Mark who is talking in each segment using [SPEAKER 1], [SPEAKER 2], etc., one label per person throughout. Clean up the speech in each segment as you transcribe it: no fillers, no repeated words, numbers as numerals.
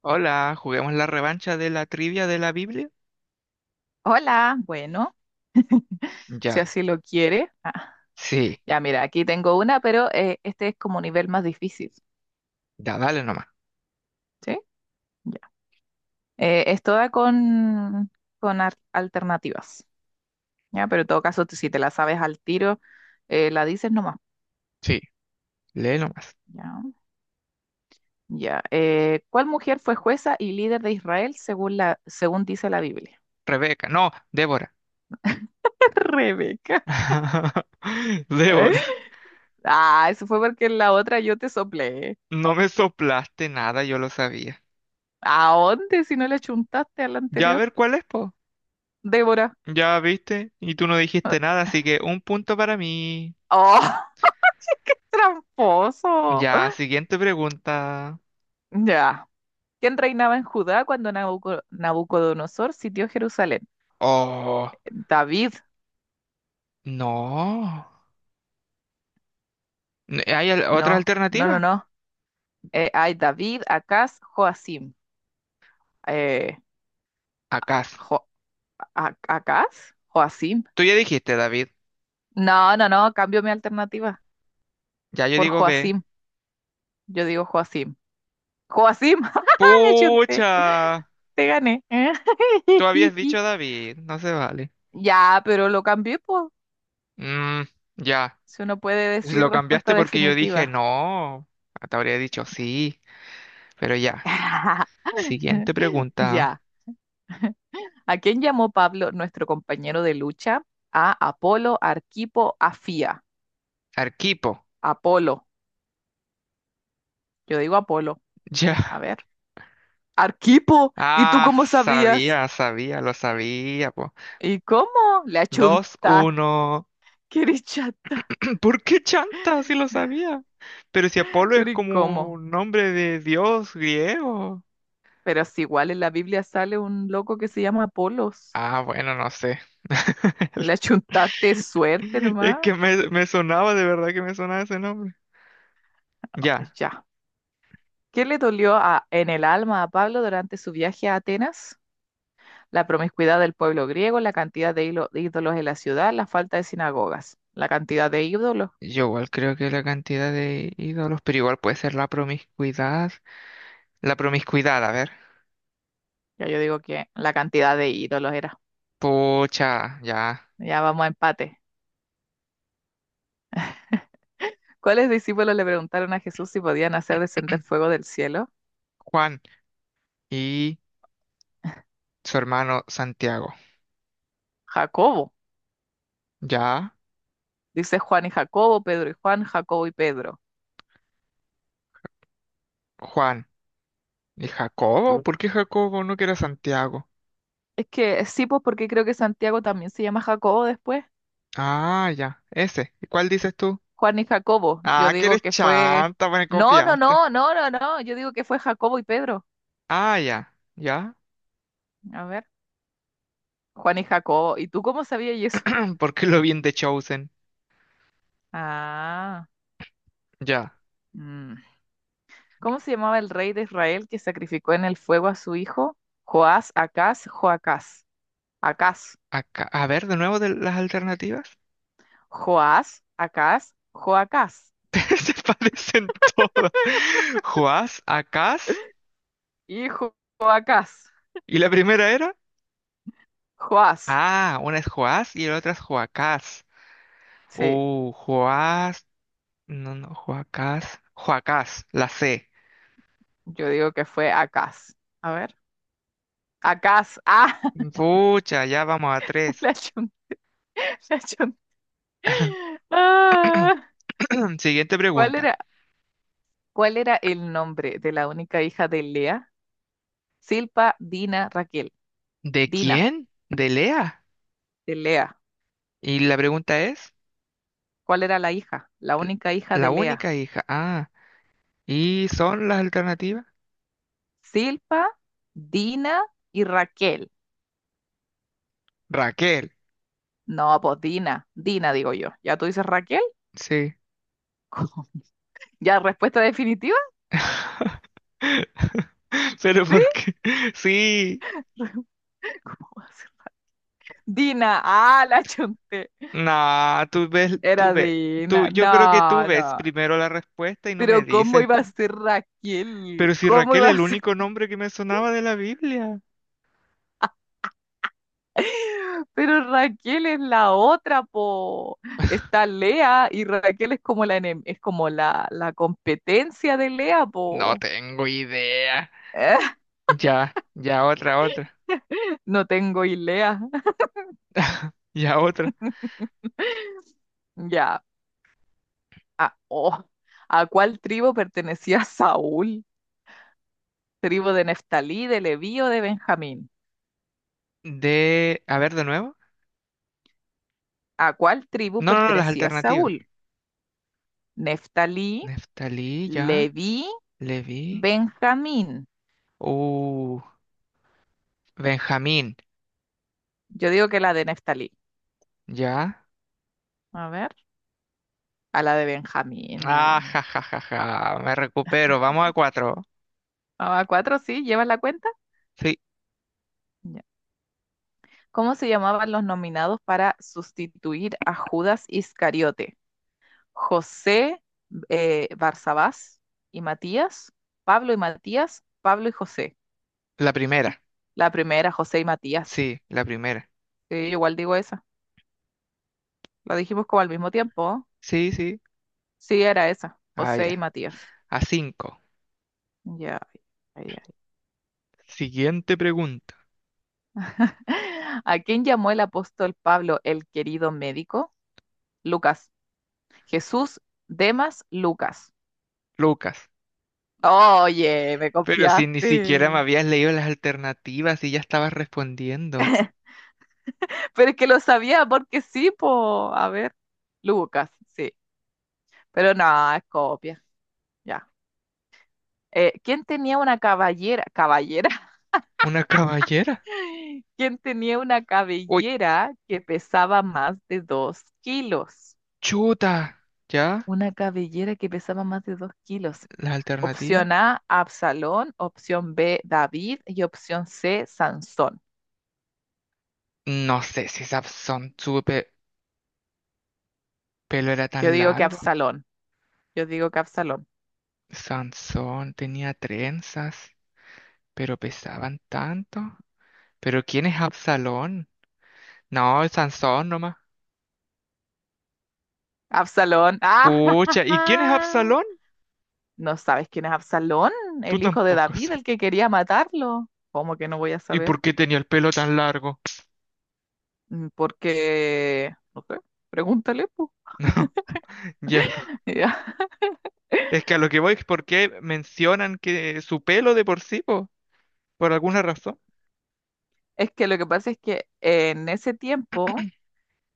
[SPEAKER 1] Hola, ¿juguemos la revancha de la trivia de la Biblia?
[SPEAKER 2] Hola, bueno, si
[SPEAKER 1] Ya,
[SPEAKER 2] así lo quiere. Ah,
[SPEAKER 1] sí,
[SPEAKER 2] ya, mira, aquí tengo una, pero este es como nivel más difícil,
[SPEAKER 1] ya dale nomás.
[SPEAKER 2] ¿sí? Ya. Es toda con, con alternativas, ¿ya? Pero en todo caso, si te la sabes al tiro, la dices nomás,
[SPEAKER 1] Sí, lee nomás.
[SPEAKER 2] ¿ya? Ya. ¿Cuál mujer fue jueza y líder de Israel según dice la Biblia?
[SPEAKER 1] Rebeca, no, Débora.
[SPEAKER 2] Rebeca.
[SPEAKER 1] Débora,
[SPEAKER 2] Ah, eso fue porque en la otra yo te soplé.
[SPEAKER 1] no me soplaste nada, yo lo sabía.
[SPEAKER 2] ¿A dónde si no le chuntaste a la
[SPEAKER 1] Ya a
[SPEAKER 2] anterior?
[SPEAKER 1] ver cuál es, po.
[SPEAKER 2] Débora.
[SPEAKER 1] Ya viste, y tú no dijiste nada, así que un punto para mí.
[SPEAKER 2] Oh. Tramposo.
[SPEAKER 1] Ya, siguiente pregunta.
[SPEAKER 2] Ya. ¿Quién reinaba en Judá cuando Nabucodonosor sitió Jerusalén?
[SPEAKER 1] Oh,
[SPEAKER 2] David.
[SPEAKER 1] no. ¿Hay otra
[SPEAKER 2] No, no, no,
[SPEAKER 1] alternativa?
[SPEAKER 2] no. Ay, David, Acaz, Joacim. Eh,
[SPEAKER 1] Acá.
[SPEAKER 2] Jo- ¿Acaz? Joacim.
[SPEAKER 1] Tú ya dijiste, David.
[SPEAKER 2] No, no, no. Cambio mi alternativa
[SPEAKER 1] Ya yo
[SPEAKER 2] por
[SPEAKER 1] digo B.
[SPEAKER 2] Joacim. Yo digo Joacim. Joacim. ¡Ja, ja, ja! Le chunté.
[SPEAKER 1] ¡Pucha!
[SPEAKER 2] Te gané.
[SPEAKER 1] Tú habías dicho David, no se vale.
[SPEAKER 2] Ya, pero lo cambié, pues.
[SPEAKER 1] Mm, ya.
[SPEAKER 2] Si uno puede
[SPEAKER 1] Pues,
[SPEAKER 2] decir
[SPEAKER 1] lo
[SPEAKER 2] respuesta
[SPEAKER 1] cambiaste porque yo dije
[SPEAKER 2] definitiva.
[SPEAKER 1] no. Te habría dicho sí, pero ya. Siguiente pregunta.
[SPEAKER 2] Ya. ¿A quién llamó Pablo, nuestro compañero de lucha? A Apolo, Arquipo, Afía.
[SPEAKER 1] Arquipo.
[SPEAKER 2] Apolo. Yo digo Apolo.
[SPEAKER 1] Ya.
[SPEAKER 2] A ver. Arquipo. ¿Y tú
[SPEAKER 1] Ah,
[SPEAKER 2] cómo sabías?
[SPEAKER 1] sabía, lo sabía, po.
[SPEAKER 2] ¿Y cómo? Le
[SPEAKER 1] Dos
[SPEAKER 2] achuntaste.
[SPEAKER 1] uno.
[SPEAKER 2] ¡Qué eres chata!
[SPEAKER 1] ¿Por qué chanta si lo sabía? Pero si Apolo es
[SPEAKER 2] Pero ¿y
[SPEAKER 1] como
[SPEAKER 2] cómo?
[SPEAKER 1] un nombre de dios griego.
[SPEAKER 2] Pero si igual en la Biblia sale un loco que se llama Apolos.
[SPEAKER 1] Ah, bueno, no sé.
[SPEAKER 2] Le achuntaste suerte
[SPEAKER 1] Es
[SPEAKER 2] nomás.
[SPEAKER 1] que me sonaba, de verdad que me sonaba ese nombre. Ya.
[SPEAKER 2] Ya. ¿Qué le dolió en el alma a Pablo durante su viaje a Atenas? La promiscuidad del pueblo griego, la cantidad de ídolos en la ciudad, la falta de sinagogas, la cantidad de ídolos.
[SPEAKER 1] Yo igual creo que la cantidad de ídolos, pero igual puede ser la promiscuidad. La promiscuidad, a ver.
[SPEAKER 2] Ya, yo digo que la cantidad de ídolos era.
[SPEAKER 1] Pucha, ya.
[SPEAKER 2] Ya vamos a empate. ¿Cuáles discípulos le preguntaron a Jesús si podían hacer descender fuego del cielo?
[SPEAKER 1] Juan y su hermano Santiago.
[SPEAKER 2] Jacobo,
[SPEAKER 1] Ya.
[SPEAKER 2] dice Juan y Jacobo, Pedro y Juan, Jacobo y Pedro.
[SPEAKER 1] Juan y Jacobo. ¿Por qué Jacobo no quiere a Santiago?
[SPEAKER 2] Es que sí, pues porque creo que Santiago también se llama Jacobo después.
[SPEAKER 1] Ah, ya. Ese. ¿Y cuál dices tú?
[SPEAKER 2] Juan y Jacobo, yo
[SPEAKER 1] Ah, que
[SPEAKER 2] digo
[SPEAKER 1] eres
[SPEAKER 2] que fue...
[SPEAKER 1] chanta, pues me
[SPEAKER 2] No, no,
[SPEAKER 1] copiaste.
[SPEAKER 2] no, no, no, no, yo digo que fue Jacobo y Pedro.
[SPEAKER 1] Ah, ya. Ya.
[SPEAKER 2] A ver, Juan y Jacobo, ¿y tú cómo sabías eso?
[SPEAKER 1] ¿Por qué lo vi en The Chosen?
[SPEAKER 2] Ah,
[SPEAKER 1] Ya.
[SPEAKER 2] mm. ¿Cómo se llamaba el rey de Israel que sacrificó en el fuego a su hijo? Joás, Acaz, Joacás. Acaz.
[SPEAKER 1] Acá. A ver, de nuevo de las alternativas.
[SPEAKER 2] Joás, Acaz, Joacás.
[SPEAKER 1] Se parecen todos. Joás, Acaz.
[SPEAKER 2] Hijo Joacás.
[SPEAKER 1] ¿Y la primera era?
[SPEAKER 2] Joás.
[SPEAKER 1] Ah, una es Joás y la otra es Joacás.
[SPEAKER 2] Sí,
[SPEAKER 1] Joás. No, no, Joacás. Joacás, la C.
[SPEAKER 2] yo digo que fue Acaz. A ver. Acaz. Ah,
[SPEAKER 1] Pucha, ya vamos a tres.
[SPEAKER 2] la chunté, la chunté. Ah.
[SPEAKER 1] Siguiente
[SPEAKER 2] ¿Cuál
[SPEAKER 1] pregunta.
[SPEAKER 2] era, cuál era el nombre de la única hija de Lea? Silpa, Dina, Raquel.
[SPEAKER 1] ¿De
[SPEAKER 2] Dina,
[SPEAKER 1] quién? ¿De Lea?
[SPEAKER 2] de Lea.
[SPEAKER 1] Y la pregunta es,
[SPEAKER 2] ¿Cuál era la hija? La
[SPEAKER 1] l-
[SPEAKER 2] única hija
[SPEAKER 1] la
[SPEAKER 2] de Lea.
[SPEAKER 1] única hija. Ah, ¿y son las alternativas?
[SPEAKER 2] Silpa, Dina y Raquel.
[SPEAKER 1] Raquel.
[SPEAKER 2] No, pues Dina, Dina digo yo. ¿Ya tú dices Raquel?
[SPEAKER 1] Sí.
[SPEAKER 2] ¿Cómo? ¿Ya respuesta definitiva?
[SPEAKER 1] Pero
[SPEAKER 2] ¿Sí?
[SPEAKER 1] ¿por qué? Sí.
[SPEAKER 2] ¿Cómo va a ser? Dina, ah, la chunté.
[SPEAKER 1] Nah, tú ves, tú
[SPEAKER 2] Era
[SPEAKER 1] ves, tú,
[SPEAKER 2] Dina.
[SPEAKER 1] yo creo que tú
[SPEAKER 2] No,
[SPEAKER 1] ves
[SPEAKER 2] no.
[SPEAKER 1] primero la respuesta y no me
[SPEAKER 2] Pero ¿cómo
[SPEAKER 1] dices.
[SPEAKER 2] iba a ser Raquel?
[SPEAKER 1] Pero si
[SPEAKER 2] ¿Cómo
[SPEAKER 1] Raquel es
[SPEAKER 2] iba a
[SPEAKER 1] el
[SPEAKER 2] ser?
[SPEAKER 1] único nombre que me sonaba de la Biblia.
[SPEAKER 2] Pero Raquel es la otra, po. Está Lea y Raquel es como la enem- es como la competencia de Lea,
[SPEAKER 1] No
[SPEAKER 2] po.
[SPEAKER 1] tengo idea. Ya, ya otra.
[SPEAKER 2] No tengo idea.
[SPEAKER 1] Ya otra.
[SPEAKER 2] Ya. ¿A, oh, ¿a cuál tribu pertenecía Saúl? ¿Tribu de Neftalí, de Leví o de Benjamín?
[SPEAKER 1] De, a ver, de nuevo.
[SPEAKER 2] ¿A cuál tribu
[SPEAKER 1] No, no, no, las
[SPEAKER 2] pertenecía
[SPEAKER 1] alternativas.
[SPEAKER 2] Saúl? ¿Neftalí,
[SPEAKER 1] Neftalí, ya.
[SPEAKER 2] Leví,
[SPEAKER 1] Leví.
[SPEAKER 2] Benjamín?
[SPEAKER 1] Uh, Benjamín,
[SPEAKER 2] Yo digo que la de Neftalí.
[SPEAKER 1] ya.
[SPEAKER 2] A ver, a la de Benjamín, la
[SPEAKER 1] Ah,
[SPEAKER 2] gran.
[SPEAKER 1] ja, ja, ja, ja. Me recupero. Vamos a cuatro.
[SPEAKER 2] Ah, ¿cuatro sí? ¿Llevas la cuenta?
[SPEAKER 1] Sí,
[SPEAKER 2] Ya. ¿Cómo se llamaban los nominados para sustituir a Judas Iscariote? ¿José, Barsabás y Matías? ¿Pablo y Matías? ¿Pablo y José?
[SPEAKER 1] la primera.
[SPEAKER 2] La primera, José y Matías.
[SPEAKER 1] Sí, la primera.
[SPEAKER 2] Sí, yo igual digo esa. La dijimos como al mismo tiempo, ¿no?
[SPEAKER 1] Sí, sí.
[SPEAKER 2] Sí, era esa.
[SPEAKER 1] Ah,
[SPEAKER 2] José y
[SPEAKER 1] ya.
[SPEAKER 2] Matías.
[SPEAKER 1] A cinco.
[SPEAKER 2] Ya, ya, ya.
[SPEAKER 1] Siguiente pregunta.
[SPEAKER 2] ¿A quién llamó el apóstol Pablo el querido médico? Lucas. Jesús, Demas, Lucas.
[SPEAKER 1] Lucas,
[SPEAKER 2] Oye, me
[SPEAKER 1] pero si ni siquiera me
[SPEAKER 2] confiaste.
[SPEAKER 1] habías leído las alternativas y ya estabas respondiendo.
[SPEAKER 2] Pero es que lo sabía porque sí, po. A ver. Lucas, sí. Pero no, es copia. Ya. ¿Quién tenía una caballera? Caballera.
[SPEAKER 1] ¿Una caballera?
[SPEAKER 2] Quien tenía una
[SPEAKER 1] Uy,
[SPEAKER 2] cabellera que pesaba más de 2 kilos.
[SPEAKER 1] chuta. ¿Ya?
[SPEAKER 2] Una cabellera que pesaba más de dos kilos.
[SPEAKER 1] ¿Las alternativas?
[SPEAKER 2] Opción A, Absalón. Opción B, David. Y opción C, Sansón.
[SPEAKER 1] No sé si Sansón, su pelo era
[SPEAKER 2] Yo
[SPEAKER 1] tan
[SPEAKER 2] digo que
[SPEAKER 1] largo.
[SPEAKER 2] Absalón. Yo digo que Absalón.
[SPEAKER 1] Sansón tenía trenzas, pero pesaban tanto. ¿Pero quién es Absalón? No, es Sansón nomás.
[SPEAKER 2] Absalón. ¡Ah!
[SPEAKER 1] Pucha, ¿y quién es Absalón?
[SPEAKER 2] ¿No sabes quién es Absalón?
[SPEAKER 1] Tú
[SPEAKER 2] El hijo de
[SPEAKER 1] tampoco
[SPEAKER 2] David,
[SPEAKER 1] sabes.
[SPEAKER 2] el que quería matarlo. ¿Cómo que no voy a
[SPEAKER 1] ¿Y
[SPEAKER 2] saber?
[SPEAKER 1] por qué tenía el pelo tan largo?
[SPEAKER 2] Mm, porque, no sé, pregúntale, po.
[SPEAKER 1] No, ya. Es que a lo que voy es porque mencionan que su pelo de por sí, po, por alguna razón.
[SPEAKER 2] Es que lo que pasa es que en ese tiempo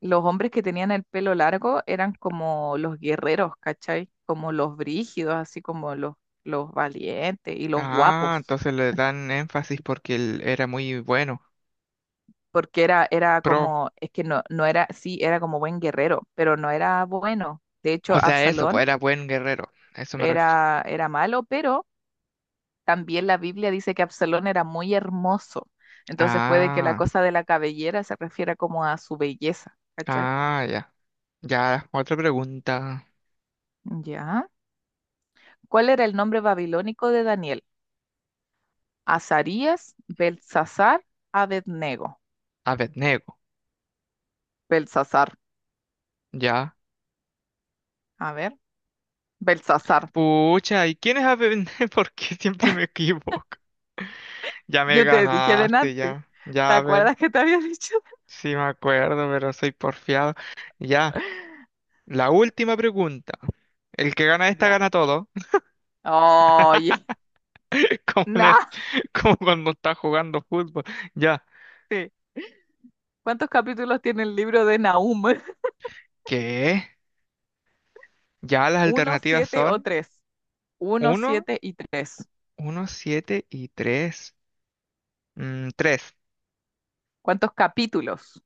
[SPEAKER 2] los hombres que tenían el pelo largo eran como los guerreros, ¿cachai? Como los brígidos, así como los valientes y los
[SPEAKER 1] Ah,
[SPEAKER 2] guapos.
[SPEAKER 1] entonces le dan énfasis porque él era muy bueno,
[SPEAKER 2] Porque era, era
[SPEAKER 1] pro.
[SPEAKER 2] como, es que no, no era, sí, era como buen guerrero, pero no era bueno. De
[SPEAKER 1] O
[SPEAKER 2] hecho,
[SPEAKER 1] sea, eso, pues
[SPEAKER 2] Absalón
[SPEAKER 1] era buen guerrero. A eso me refiero.
[SPEAKER 2] era, era malo, pero también la Biblia dice que Absalón era muy hermoso. Entonces puede que la
[SPEAKER 1] Ah,
[SPEAKER 2] cosa de la cabellera se refiera como a su belleza, ¿cachai?
[SPEAKER 1] ah, ya. Ya, otra pregunta.
[SPEAKER 2] Ya. ¿Cuál era el nombre babilónico de Daniel? Azarías, Belsasar, Abednego.
[SPEAKER 1] Abednego,
[SPEAKER 2] Belsasar.
[SPEAKER 1] ya.
[SPEAKER 2] A ver, Belsasar.
[SPEAKER 1] Pucha, ¿y quién es Abednego? Porque siempre me equivoco. Ya me
[SPEAKER 2] Yo te dije
[SPEAKER 1] ganaste,
[SPEAKER 2] delante.
[SPEAKER 1] ya.
[SPEAKER 2] ¿Te
[SPEAKER 1] Ya, a ver.
[SPEAKER 2] acuerdas que te había dicho?
[SPEAKER 1] Sí me acuerdo, pero soy porfiado. Ya. La última pregunta. El que gana esta
[SPEAKER 2] Ya.
[SPEAKER 1] gana todo.
[SPEAKER 2] Oye,
[SPEAKER 1] Como,
[SPEAKER 2] naste.
[SPEAKER 1] como cuando estás jugando fútbol. Ya.
[SPEAKER 2] ¿Cuántos capítulos tiene el libro de Nahum?
[SPEAKER 1] ¿Qué? Ya las
[SPEAKER 2] ¿Uno,
[SPEAKER 1] alternativas
[SPEAKER 2] siete o
[SPEAKER 1] son
[SPEAKER 2] tres? Uno,
[SPEAKER 1] uno,
[SPEAKER 2] siete y tres.
[SPEAKER 1] uno siete y 3. Tres,
[SPEAKER 2] ¿Cuántos capítulos?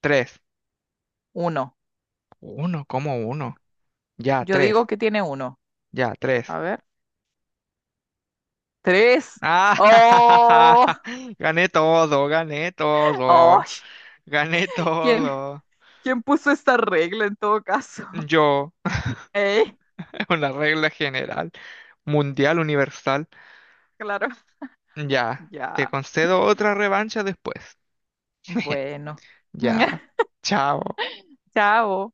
[SPEAKER 1] tres,
[SPEAKER 2] Uno.
[SPEAKER 1] uno como uno. Ya,
[SPEAKER 2] Yo digo
[SPEAKER 1] tres.
[SPEAKER 2] que tiene uno.
[SPEAKER 1] Ya, 3.
[SPEAKER 2] A ver. Tres.
[SPEAKER 1] Ah,
[SPEAKER 2] ¡Oh!
[SPEAKER 1] gané todo, gané
[SPEAKER 2] ¡Oh!
[SPEAKER 1] todo. Gané
[SPEAKER 2] ¿Quién,
[SPEAKER 1] todo.
[SPEAKER 2] ¿Quién puso esta regla en todo caso?
[SPEAKER 1] Yo,
[SPEAKER 2] ¿Eh?
[SPEAKER 1] una regla general, mundial, universal.
[SPEAKER 2] Claro.
[SPEAKER 1] Ya, te
[SPEAKER 2] Ya.
[SPEAKER 1] concedo otra revancha después.
[SPEAKER 2] Bueno.
[SPEAKER 1] Ya, chao.
[SPEAKER 2] Chao.